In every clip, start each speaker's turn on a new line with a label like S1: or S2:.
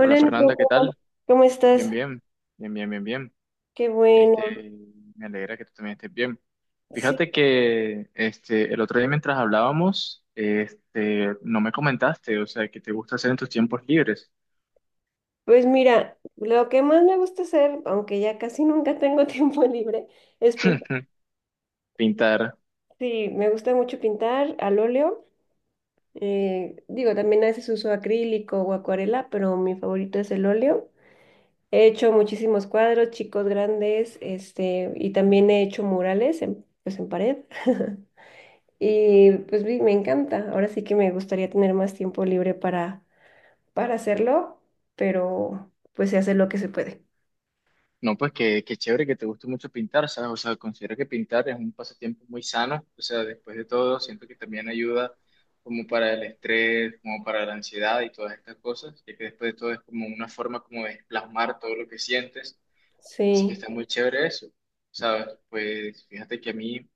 S1: Hola
S2: Nico,
S1: Fernanda, ¿qué
S2: ¿cómo,
S1: tal?
S2: cómo
S1: Bien,
S2: estás?
S1: bien, bien, bien, bien, bien.
S2: Qué bueno.
S1: Este, Me alegra que tú también estés bien.
S2: Sí,
S1: Fíjate que el otro día mientras hablábamos, no me comentaste, o sea, que te gusta hacer en tus tiempos libres.
S2: pues mira, lo que más me gusta hacer, aunque ya casi nunca tengo tiempo libre, es pintar.
S1: Pintar.
S2: Sí, me gusta mucho pintar al óleo. Digo, también a veces uso acrílico o acuarela, pero mi favorito es el óleo. He hecho muchísimos cuadros, chicos grandes, este, y también he hecho murales en, pues en pared. Y pues me encanta. Ahora sí que me gustaría tener más tiempo libre para hacerlo, pero pues se hace lo que se puede.
S1: No, pues que chévere que te guste mucho pintar, ¿sabes? O sea, considero que pintar es un pasatiempo muy sano. O sea, después de todo, siento que también ayuda como para el estrés, como para la ansiedad y todas estas cosas, ya que después de todo es como una forma como de plasmar todo lo que sientes. Sí, que
S2: Sí.
S1: está muy chévere eso, ¿sabes? Pues fíjate que a mí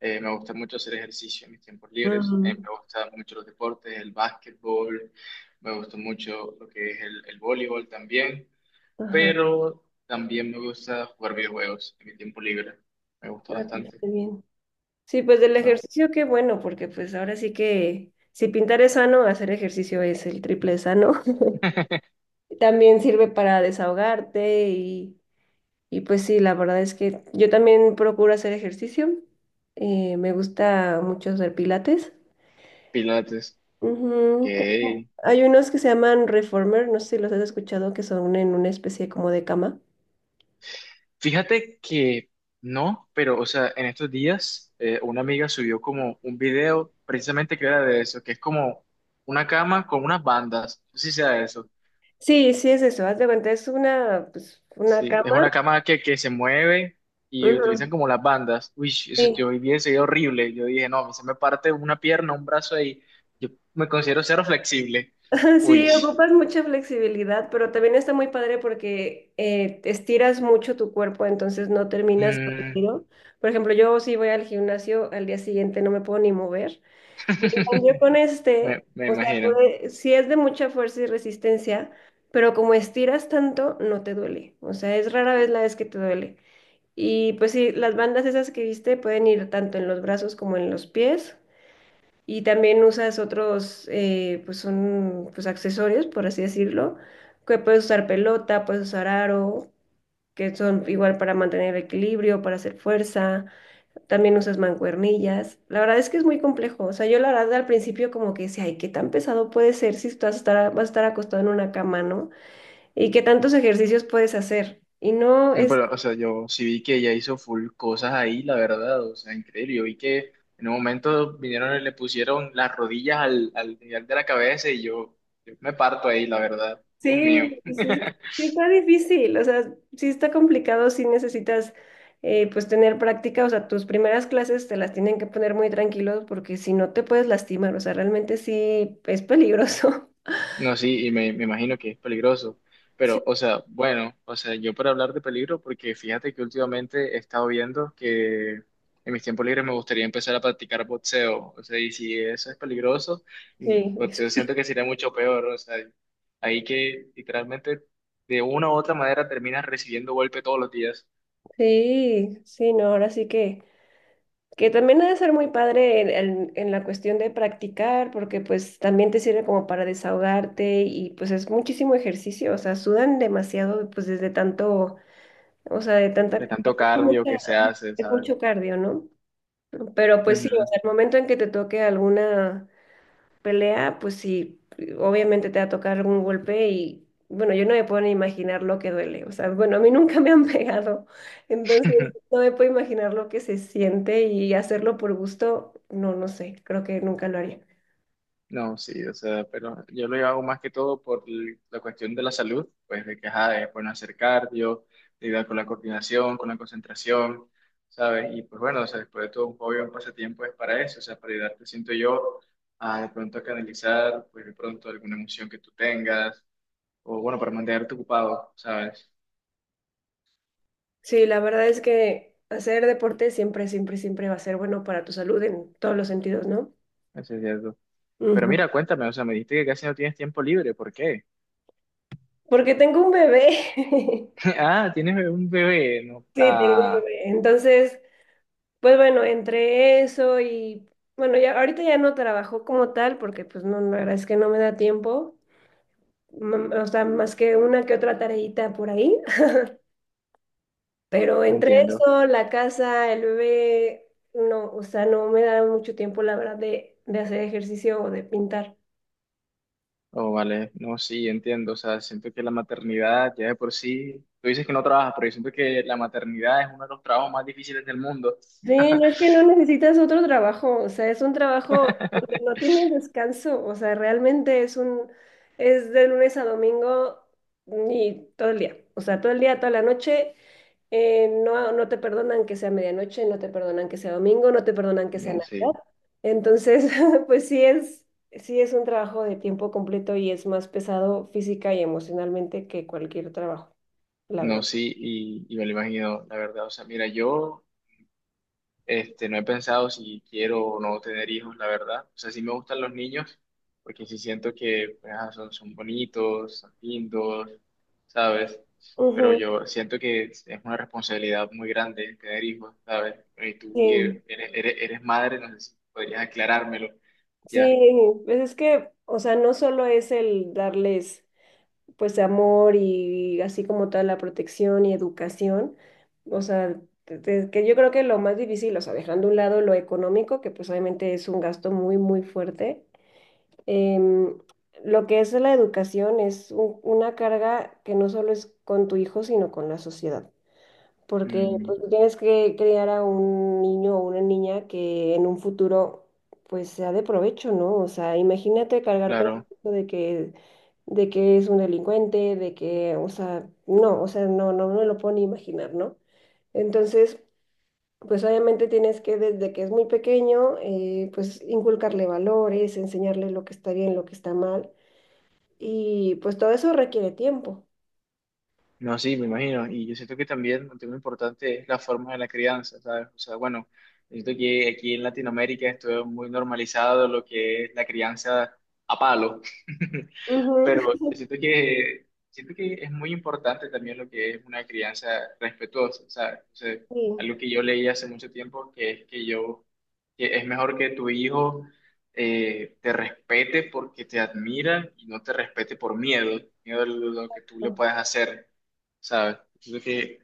S1: me gusta mucho hacer ejercicio en mis tiempos libres,
S2: Ujú.
S1: me gustan mucho los deportes, el básquetbol, me gusta mucho lo que es el voleibol también,
S2: Ajá.
S1: pero también me gusta jugar videojuegos en mi tiempo libre, me gusta
S2: Ay, pues,
S1: bastante,
S2: está bien. Sí, pues del
S1: ¿no?
S2: ejercicio, qué bueno, porque pues ahora sí que si pintar es sano, hacer ejercicio es el triple de sano. También sirve para desahogarte y, pues sí, la verdad es que yo también procuro hacer ejercicio. Me gusta mucho hacer pilates.
S1: Pilates,
S2: Ujú.
S1: ok.
S2: Hay unos que se llaman reformer, no sé si los has escuchado, que son en una especie como de cama.
S1: Fíjate que no, pero, o sea, en estos días una amiga subió como un video precisamente que era de eso, que es como una cama con unas bandas. No sé si sea eso.
S2: Sí, sí, es eso, haz de cuenta, es una, pues, una
S1: Sí, es
S2: cama.
S1: una cama que se mueve y
S2: Ujú.
S1: utilizan como las bandas. Uy, eso-
S2: Sí.
S1: yo vi ese video horrible. Yo dije, no, a mí se me parte una pierna, un brazo ahí. Yo me considero cero flexible. Uy,
S2: Sí, ocupas mucha flexibilidad, pero también está muy padre porque estiras mucho tu cuerpo, entonces no terminas
S1: mm,
S2: aburrido. Por ejemplo, yo si voy al gimnasio, al día siguiente no me puedo ni mover. Y en cambio con
S1: me,
S2: este,
S1: me
S2: o sea,
S1: imagino.
S2: sí es de mucha fuerza y resistencia, pero como estiras tanto, no te duele. O sea, es rara vez la vez que te duele. Y pues sí, las bandas esas que viste pueden ir tanto en los brazos como en los pies. Y también usas otros, pues son pues accesorios, por así decirlo, que puedes usar pelota, puedes usar aro, que son igual para mantener el equilibrio, para hacer fuerza. También usas mancuernillas. La verdad es que es muy complejo. O sea, yo la verdad al principio como que decía, ay, qué tan pesado puede ser si vas a estar acostado en una cama, ¿no? Y qué tantos ejercicios puedes hacer. Y no
S1: Mm,
S2: es.
S1: pero, o sea, yo sí vi que ella hizo full cosas ahí, la verdad, o sea, increíble. Yo vi que en un momento vinieron y le pusieron las rodillas al, al nivel de la cabeza y yo me parto ahí, la verdad. Dios mío.
S2: Sí, sí, sí, sí sí está difícil, o sea, sí está complicado, sí necesitas pues tener práctica, o sea, tus primeras clases te las tienen que poner muy tranquilos porque si no te puedes lastimar, o sea, realmente sí es peligroso.
S1: No, sí, y me imagino que es peligroso.
S2: Sí.
S1: Pero, o sea, bueno, o sea, yo para hablar de peligro, porque fíjate que últimamente he estado viendo que en mis tiempos libres me gustaría empezar a practicar boxeo. O sea, y si eso es peligroso,
S2: Sí,
S1: boxeo siento que sería mucho peor. O sea, ahí que literalmente de una u otra manera terminas recibiendo golpe todos los días,
S2: sí, sí, no, ahora sí que, también ha de ser muy padre en la cuestión de practicar porque pues también te sirve como para desahogarte y pues es muchísimo ejercicio, o sea, sudan demasiado pues desde tanto. O sea, de tanta,
S1: de tanto
S2: es
S1: cardio
S2: mucha-
S1: que se
S2: ajá,
S1: hace,
S2: es
S1: ¿sabes?
S2: mucho cardio, ¿no? Pero pues sí, o
S1: Ujú.
S2: sea, el momento en que te toque alguna pelea, pues sí, obviamente te va a tocar algún golpe y bueno, yo no me puedo ni imaginar lo que duele. O sea, bueno, a mí nunca me han pegado, entonces no me puedo imaginar lo que se siente y hacerlo por gusto, no, no sé, creo que nunca lo haría.
S1: No, sí, o sea, pero yo lo hago más que todo por la cuestión de la salud, pues de que, ajá, es bueno hacer cardio, de ayudar con la coordinación, con la concentración, ¿sabes? Y pues bueno, o sea, después de todo un hobby, un pasatiempo es para eso, o sea, para ayudarte, siento yo, a de pronto a canalizar, pues de pronto alguna emoción que tú tengas, o bueno, para mantenerte ocupado, ¿sabes?
S2: Sí, la verdad es que hacer deporte siempre, siempre, siempre va a ser bueno para tu salud en todos los sentidos, ¿no?
S1: Eso es cierto. Pero
S2: Ujú.
S1: mira, cuéntame, o sea, me dijiste que casi no tienes tiempo libre, ¿por qué?
S2: Porque tengo un bebé.
S1: Ah, tienes un bebé, no,
S2: Sí, tengo un
S1: ah,
S2: bebé. Entonces, pues bueno, entre eso y bueno, ya ahorita ya no trabajo como tal porque pues no, la verdad es que no me da tiempo, o sea, más que una que otra tareita por ahí, pero
S1: no
S2: entre
S1: entiendo.
S2: eso, la casa, el bebé, no, o sea, no me da mucho tiempo, la verdad, de hacer ejercicio o de pintar.
S1: Oh, vale, no, sí, entiendo, o sea, siento que la maternidad ya de por sí, tú dices que no trabajas, pero yo siento que la maternidad es uno de los trabajos más difíciles del mundo.
S2: Sí, no es que no necesitas otro trabajo, o sea, es un trabajo donde no tienes descanso, o sea, realmente es de lunes a domingo y todo el día, o sea, todo el día, toda la noche, no, no te perdonan que sea medianoche, no te perdonan que sea domingo, no te perdonan que sea
S1: No, sí,
S2: Navidad, entonces, pues sí es un trabajo de tiempo completo y es más pesado física y emocionalmente que cualquier trabajo, la
S1: no,
S2: verdad.
S1: sí, y me lo imagino, la verdad, o sea, mira, yo. No he pensado si quiero o no tener hijos, la verdad. O sea, sí me gustan los niños, porque sí siento que pues, ah, son, son bonitos, son lindos, ¿sabes? Pero
S2: Ujú,
S1: yo siento que es una responsabilidad muy grande tener hijos, ¿sabes? Y tú
S2: sí.
S1: que eres, eres, eres madre, no sé si podrías aclarármelo. Ya.
S2: Sí, pues es que, o sea, no solo es el darles pues amor y así como toda la protección y educación, o sea, que yo creo que lo más difícil, o sea, dejando a un lado lo económico, que pues obviamente es un gasto muy, muy fuerte, em, lo que es la educación es una carga que no solo es con tu hijo, sino con la sociedad porque
S1: Mm,
S2: pues, tú tienes que criar a un niño o una niña que en un futuro pues sea de provecho, ¿no? O sea, imagínate cargar con el
S1: claro.
S2: peso de que es un delincuente, de que, o sea, no, no me lo puedo ni imaginar, ¿no? Entonces, pues obviamente tienes que desde que es muy pequeño, pues inculcarle valores, enseñarle lo que está bien, lo que está mal, y pues todo eso requiere tiempo.
S1: No, sí, me imagino. Y yo siento que también un tema importante es la forma de la crianza, ¿sabes? O sea, bueno, yo siento que aquí en Latinoamérica esto es muy normalizado lo que es la crianza a palo.
S2: Ujú,
S1: Pero siento que es muy importante también lo que es una crianza respetuosa, ¿sabes? O sea,
S2: sí.
S1: algo que yo leí hace mucho tiempo, que es mejor que tu hijo te respete porque te admira y no te respete por miedo, miedo a lo que tú le
S2: No.
S1: puedas hacer, ¿sabes? Siento que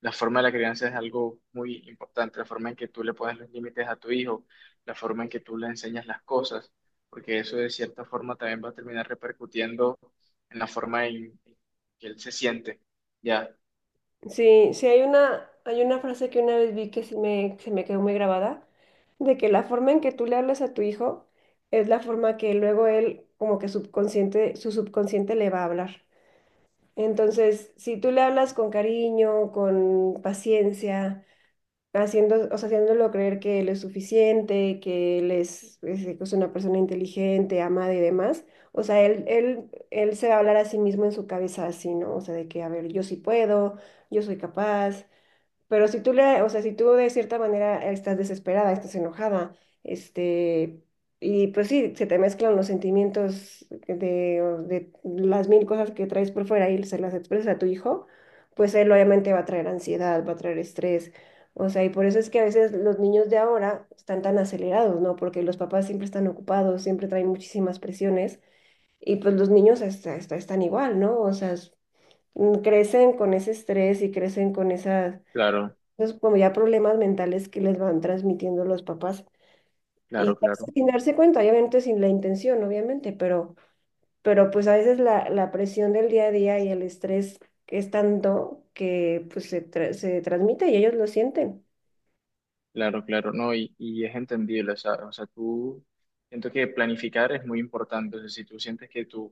S1: la forma de la crianza es algo muy importante, la forma en que tú le pones los límites a tu hijo, la forma en que tú le enseñas las cosas, porque eso de cierta forma también va a terminar repercutiendo en la forma en que él se siente. Ya.
S2: Sí, sí hay una frase que una vez vi que se me quedó muy grabada, de que la forma en que tú le hablas a tu hijo es la forma que luego él, como que subconsciente, su subconsciente le va a hablar. Entonces, si tú le hablas con cariño, con paciencia, o sea, haciéndolo creer que él es suficiente, que él es una persona inteligente, amada y demás, o sea, él se va a hablar a sí mismo en su cabeza así, ¿no? O sea, de que, a ver, yo sí puedo, yo soy capaz, pero si tú le, o sea, si tú de cierta manera estás desesperada, estás enojada, este, y pues sí, se te mezclan los sentimientos o de las mil cosas que traes por fuera y se las expresas a tu hijo, pues él obviamente va a traer ansiedad, va a traer estrés. O sea, y por eso es que a veces los niños de ahora están tan acelerados, ¿no? Porque los papás siempre están ocupados, siempre traen muchísimas presiones y pues los niños hasta están igual, ¿no? O sea, crecen con ese estrés y crecen con esas,
S1: Claro,
S2: entonces, como ya problemas mentales que les van transmitiendo los papás. Y
S1: claro, claro.
S2: sin darse cuenta, obviamente sin la intención, obviamente, pero pues a veces la presión del día a día y el estrés es tanto que pues se transmite y ellos lo sienten.
S1: Claro, claro, no, y es entendible, o sea, tú siento que planificar es muy importante, o sea, si tú sientes que tu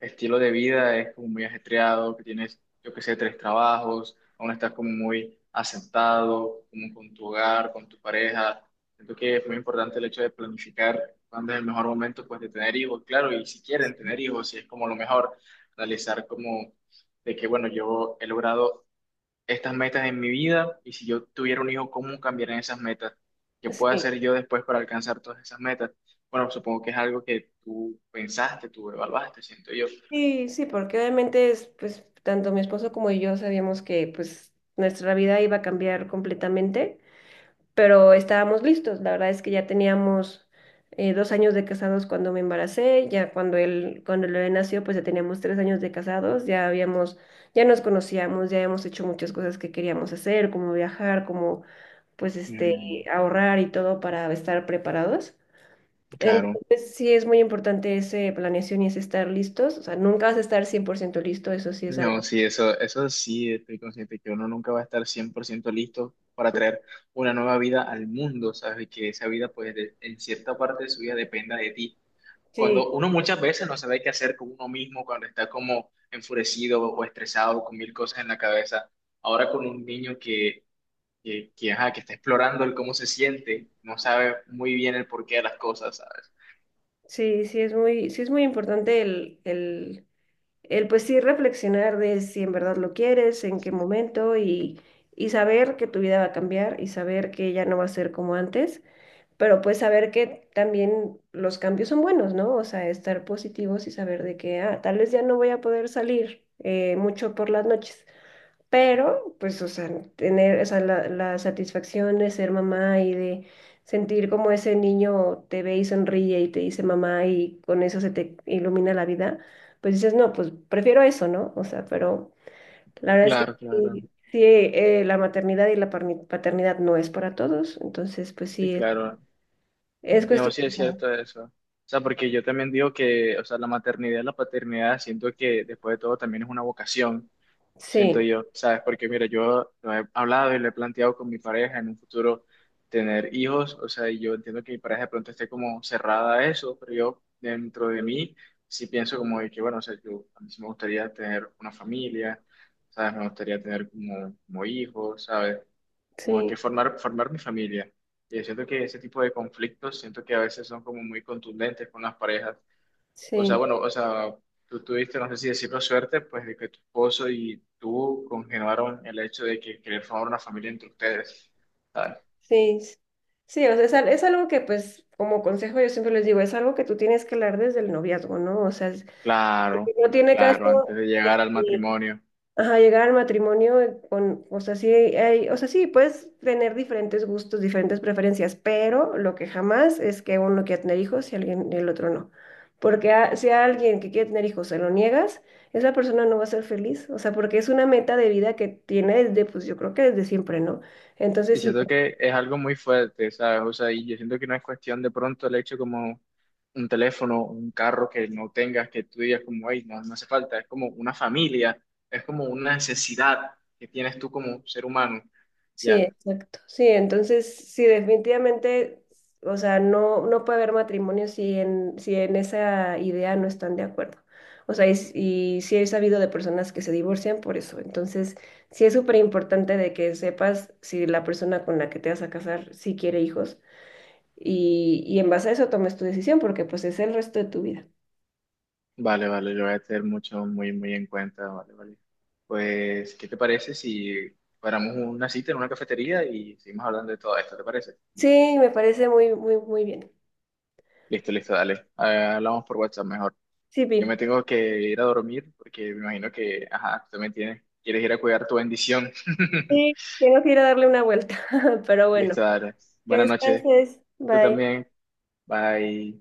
S1: estilo de vida es como muy ajetreado, que tienes, yo que sé, tres trabajos, aún estás como muy asentado, como con tu hogar, con tu pareja, siento que es muy importante el hecho de planificar cuándo es el mejor momento, pues, de tener hijos, claro, y si quieren tener hijos, si es como lo mejor, analizar como de que, bueno, yo he logrado estas metas en mi vida y si yo tuviera un hijo, cómo cambiarían esas metas, qué puedo
S2: Sí,
S1: hacer yo después para alcanzar todas esas metas. Bueno, supongo que es algo que tú pensaste, tú evaluaste, siento yo.
S2: sí, sí, porque obviamente es, pues tanto mi esposo como yo sabíamos que pues nuestra vida iba a cambiar completamente. Pero estábamos listos. La verdad es que ya teníamos 2 años de casados cuando me embaracé, cuando Lore nació, pues ya teníamos 3 años de casados, ya habíamos, ya nos conocíamos, ya habíamos hecho muchas cosas que queríamos hacer, como viajar, como pues este,
S1: Mm,
S2: ahorrar y todo para estar preparados.
S1: claro.
S2: Entonces sí es muy importante ese planeación y ese estar listos, o sea, nunca vas a estar 100% listo, eso sí es
S1: No,
S2: algo.
S1: sí, eso sí, estoy consciente que uno nunca va a estar 100% listo para traer una nueva vida al mundo, ¿sabes? Y que esa vida, pues, de- en cierta parte de su vida dependa de ti.
S2: Sí,
S1: Cuando uno muchas veces no sabe qué hacer con uno mismo, cuando está como enfurecido o estresado con mil cosas en la cabeza, ahora con un niño ajá, que está explorando el cómo se siente, no sabe muy bien el porqué de las cosas, ¿sabes?
S2: sí, sí es muy importante el pues sí reflexionar de si en verdad lo quieres, en qué momento y saber que tu vida va a cambiar y saber que ya no va a ser como antes, pero pues saber que también los cambios son buenos, ¿no? O sea, estar positivos y saber de que tal vez ya no voy a poder salir mucho por las noches, pero, pues, o sea, tener, o sea, la satisfacción de ser mamá y de sentir como ese niño te ve y sonríe y te dice mamá y con eso se te ilumina la vida, pues dices, no, pues prefiero eso, ¿no? O sea, pero la verdad es que
S1: Claro, claro,
S2: sí, sí, la maternidad y la paternidad no es para todos, entonces, pues
S1: sí,
S2: sí, es,
S1: claro.
S2: es
S1: Y no, sí es
S2: cuestión.
S1: cierto eso. O sea, porque yo también digo que, o sea, la maternidad y la paternidad, siento que después de todo también es una vocación. Siento
S2: Sí,
S1: yo, ¿sabes? Porque mira, yo lo he hablado y lo he planteado con mi pareja en un futuro tener hijos, o sea, y yo entiendo que mi pareja de pronto esté como cerrada a eso, pero yo dentro de mí sí pienso como de que, bueno, o sea, yo a mí sí me gustaría tener una familia, ¿sabes? Me gustaría tener como, como hijos, ¿sabes? Como que
S2: sí,
S1: formar mi familia. Y siento que ese tipo de conflictos, siento que a veces son como muy contundentes con las parejas. O sea,
S2: sí.
S1: bueno, o sea, tú tuviste, no sé si decirlo suerte, pues de que tu esposo y tú congeniaron el hecho de que querer formar una familia entre ustedes, ¿sabes?
S2: Sí, sí, o sea, es algo que pues como consejo yo siempre les digo, es algo que tú tienes que hablar desde el noviazgo, ¿no? O sea,
S1: Claro,
S2: no tiene caso
S1: claro, antes de llegar al
S2: eh,
S1: matrimonio.
S2: ajá, llegar al matrimonio con, o sea, sí hay, o sea, sí puedes tener diferentes gustos, diferentes preferencias, pero lo que jamás es que uno quiera tener hijos y alguien y el otro no. Porque si a alguien que quiere tener hijos se lo niegas, esa persona no va a ser feliz, o sea, porque es una meta de vida que tiene desde, pues yo creo que desde siempre, ¿no?
S1: Y
S2: Entonces, si.
S1: siento que es algo muy fuerte, ¿sabes? O sea, y yo siento que no es cuestión de pronto el hecho como un teléfono, un carro que no tengas, que tú digas como, ay, no, no hace falta, es como una familia, es como una necesidad que tienes tú como ser humano,
S2: Sí,
S1: ¿ya?
S2: exacto. Sí, entonces sí, definitivamente, o sea, no, no puede haber matrimonio si en, esa idea no están de acuerdo. O sea, y sí he sabido de personas que se divorcian por eso. Entonces, sí es súper importante de que sepas si la persona con la que te vas a casar sí quiere hijos y en base a eso tomes tu decisión porque pues es el resto de tu vida.
S1: Vale, vale, lo voy a tener mucho, muy, muy en cuenta, vale, vale. Pues, ¿qué te parece si paramos una cita en una cafetería y seguimos hablando de todo esto? ¿Te parece?
S2: Sí, me parece muy, muy, muy bien.
S1: Listo, listo, dale. Ah, hablamos por WhatsApp mejor.
S2: Sí,
S1: Yo
S2: Pi.
S1: me tengo que ir a dormir porque me imagino que, ajá, tú también tienes, quieres ir a cuidar tu bendición.
S2: Sí, tengo que ir a darle una vuelta, pero bueno,
S1: Listo, dale.
S2: que
S1: Buenas noches.
S2: descanses.
S1: Tú
S2: Bye.
S1: también. Bye.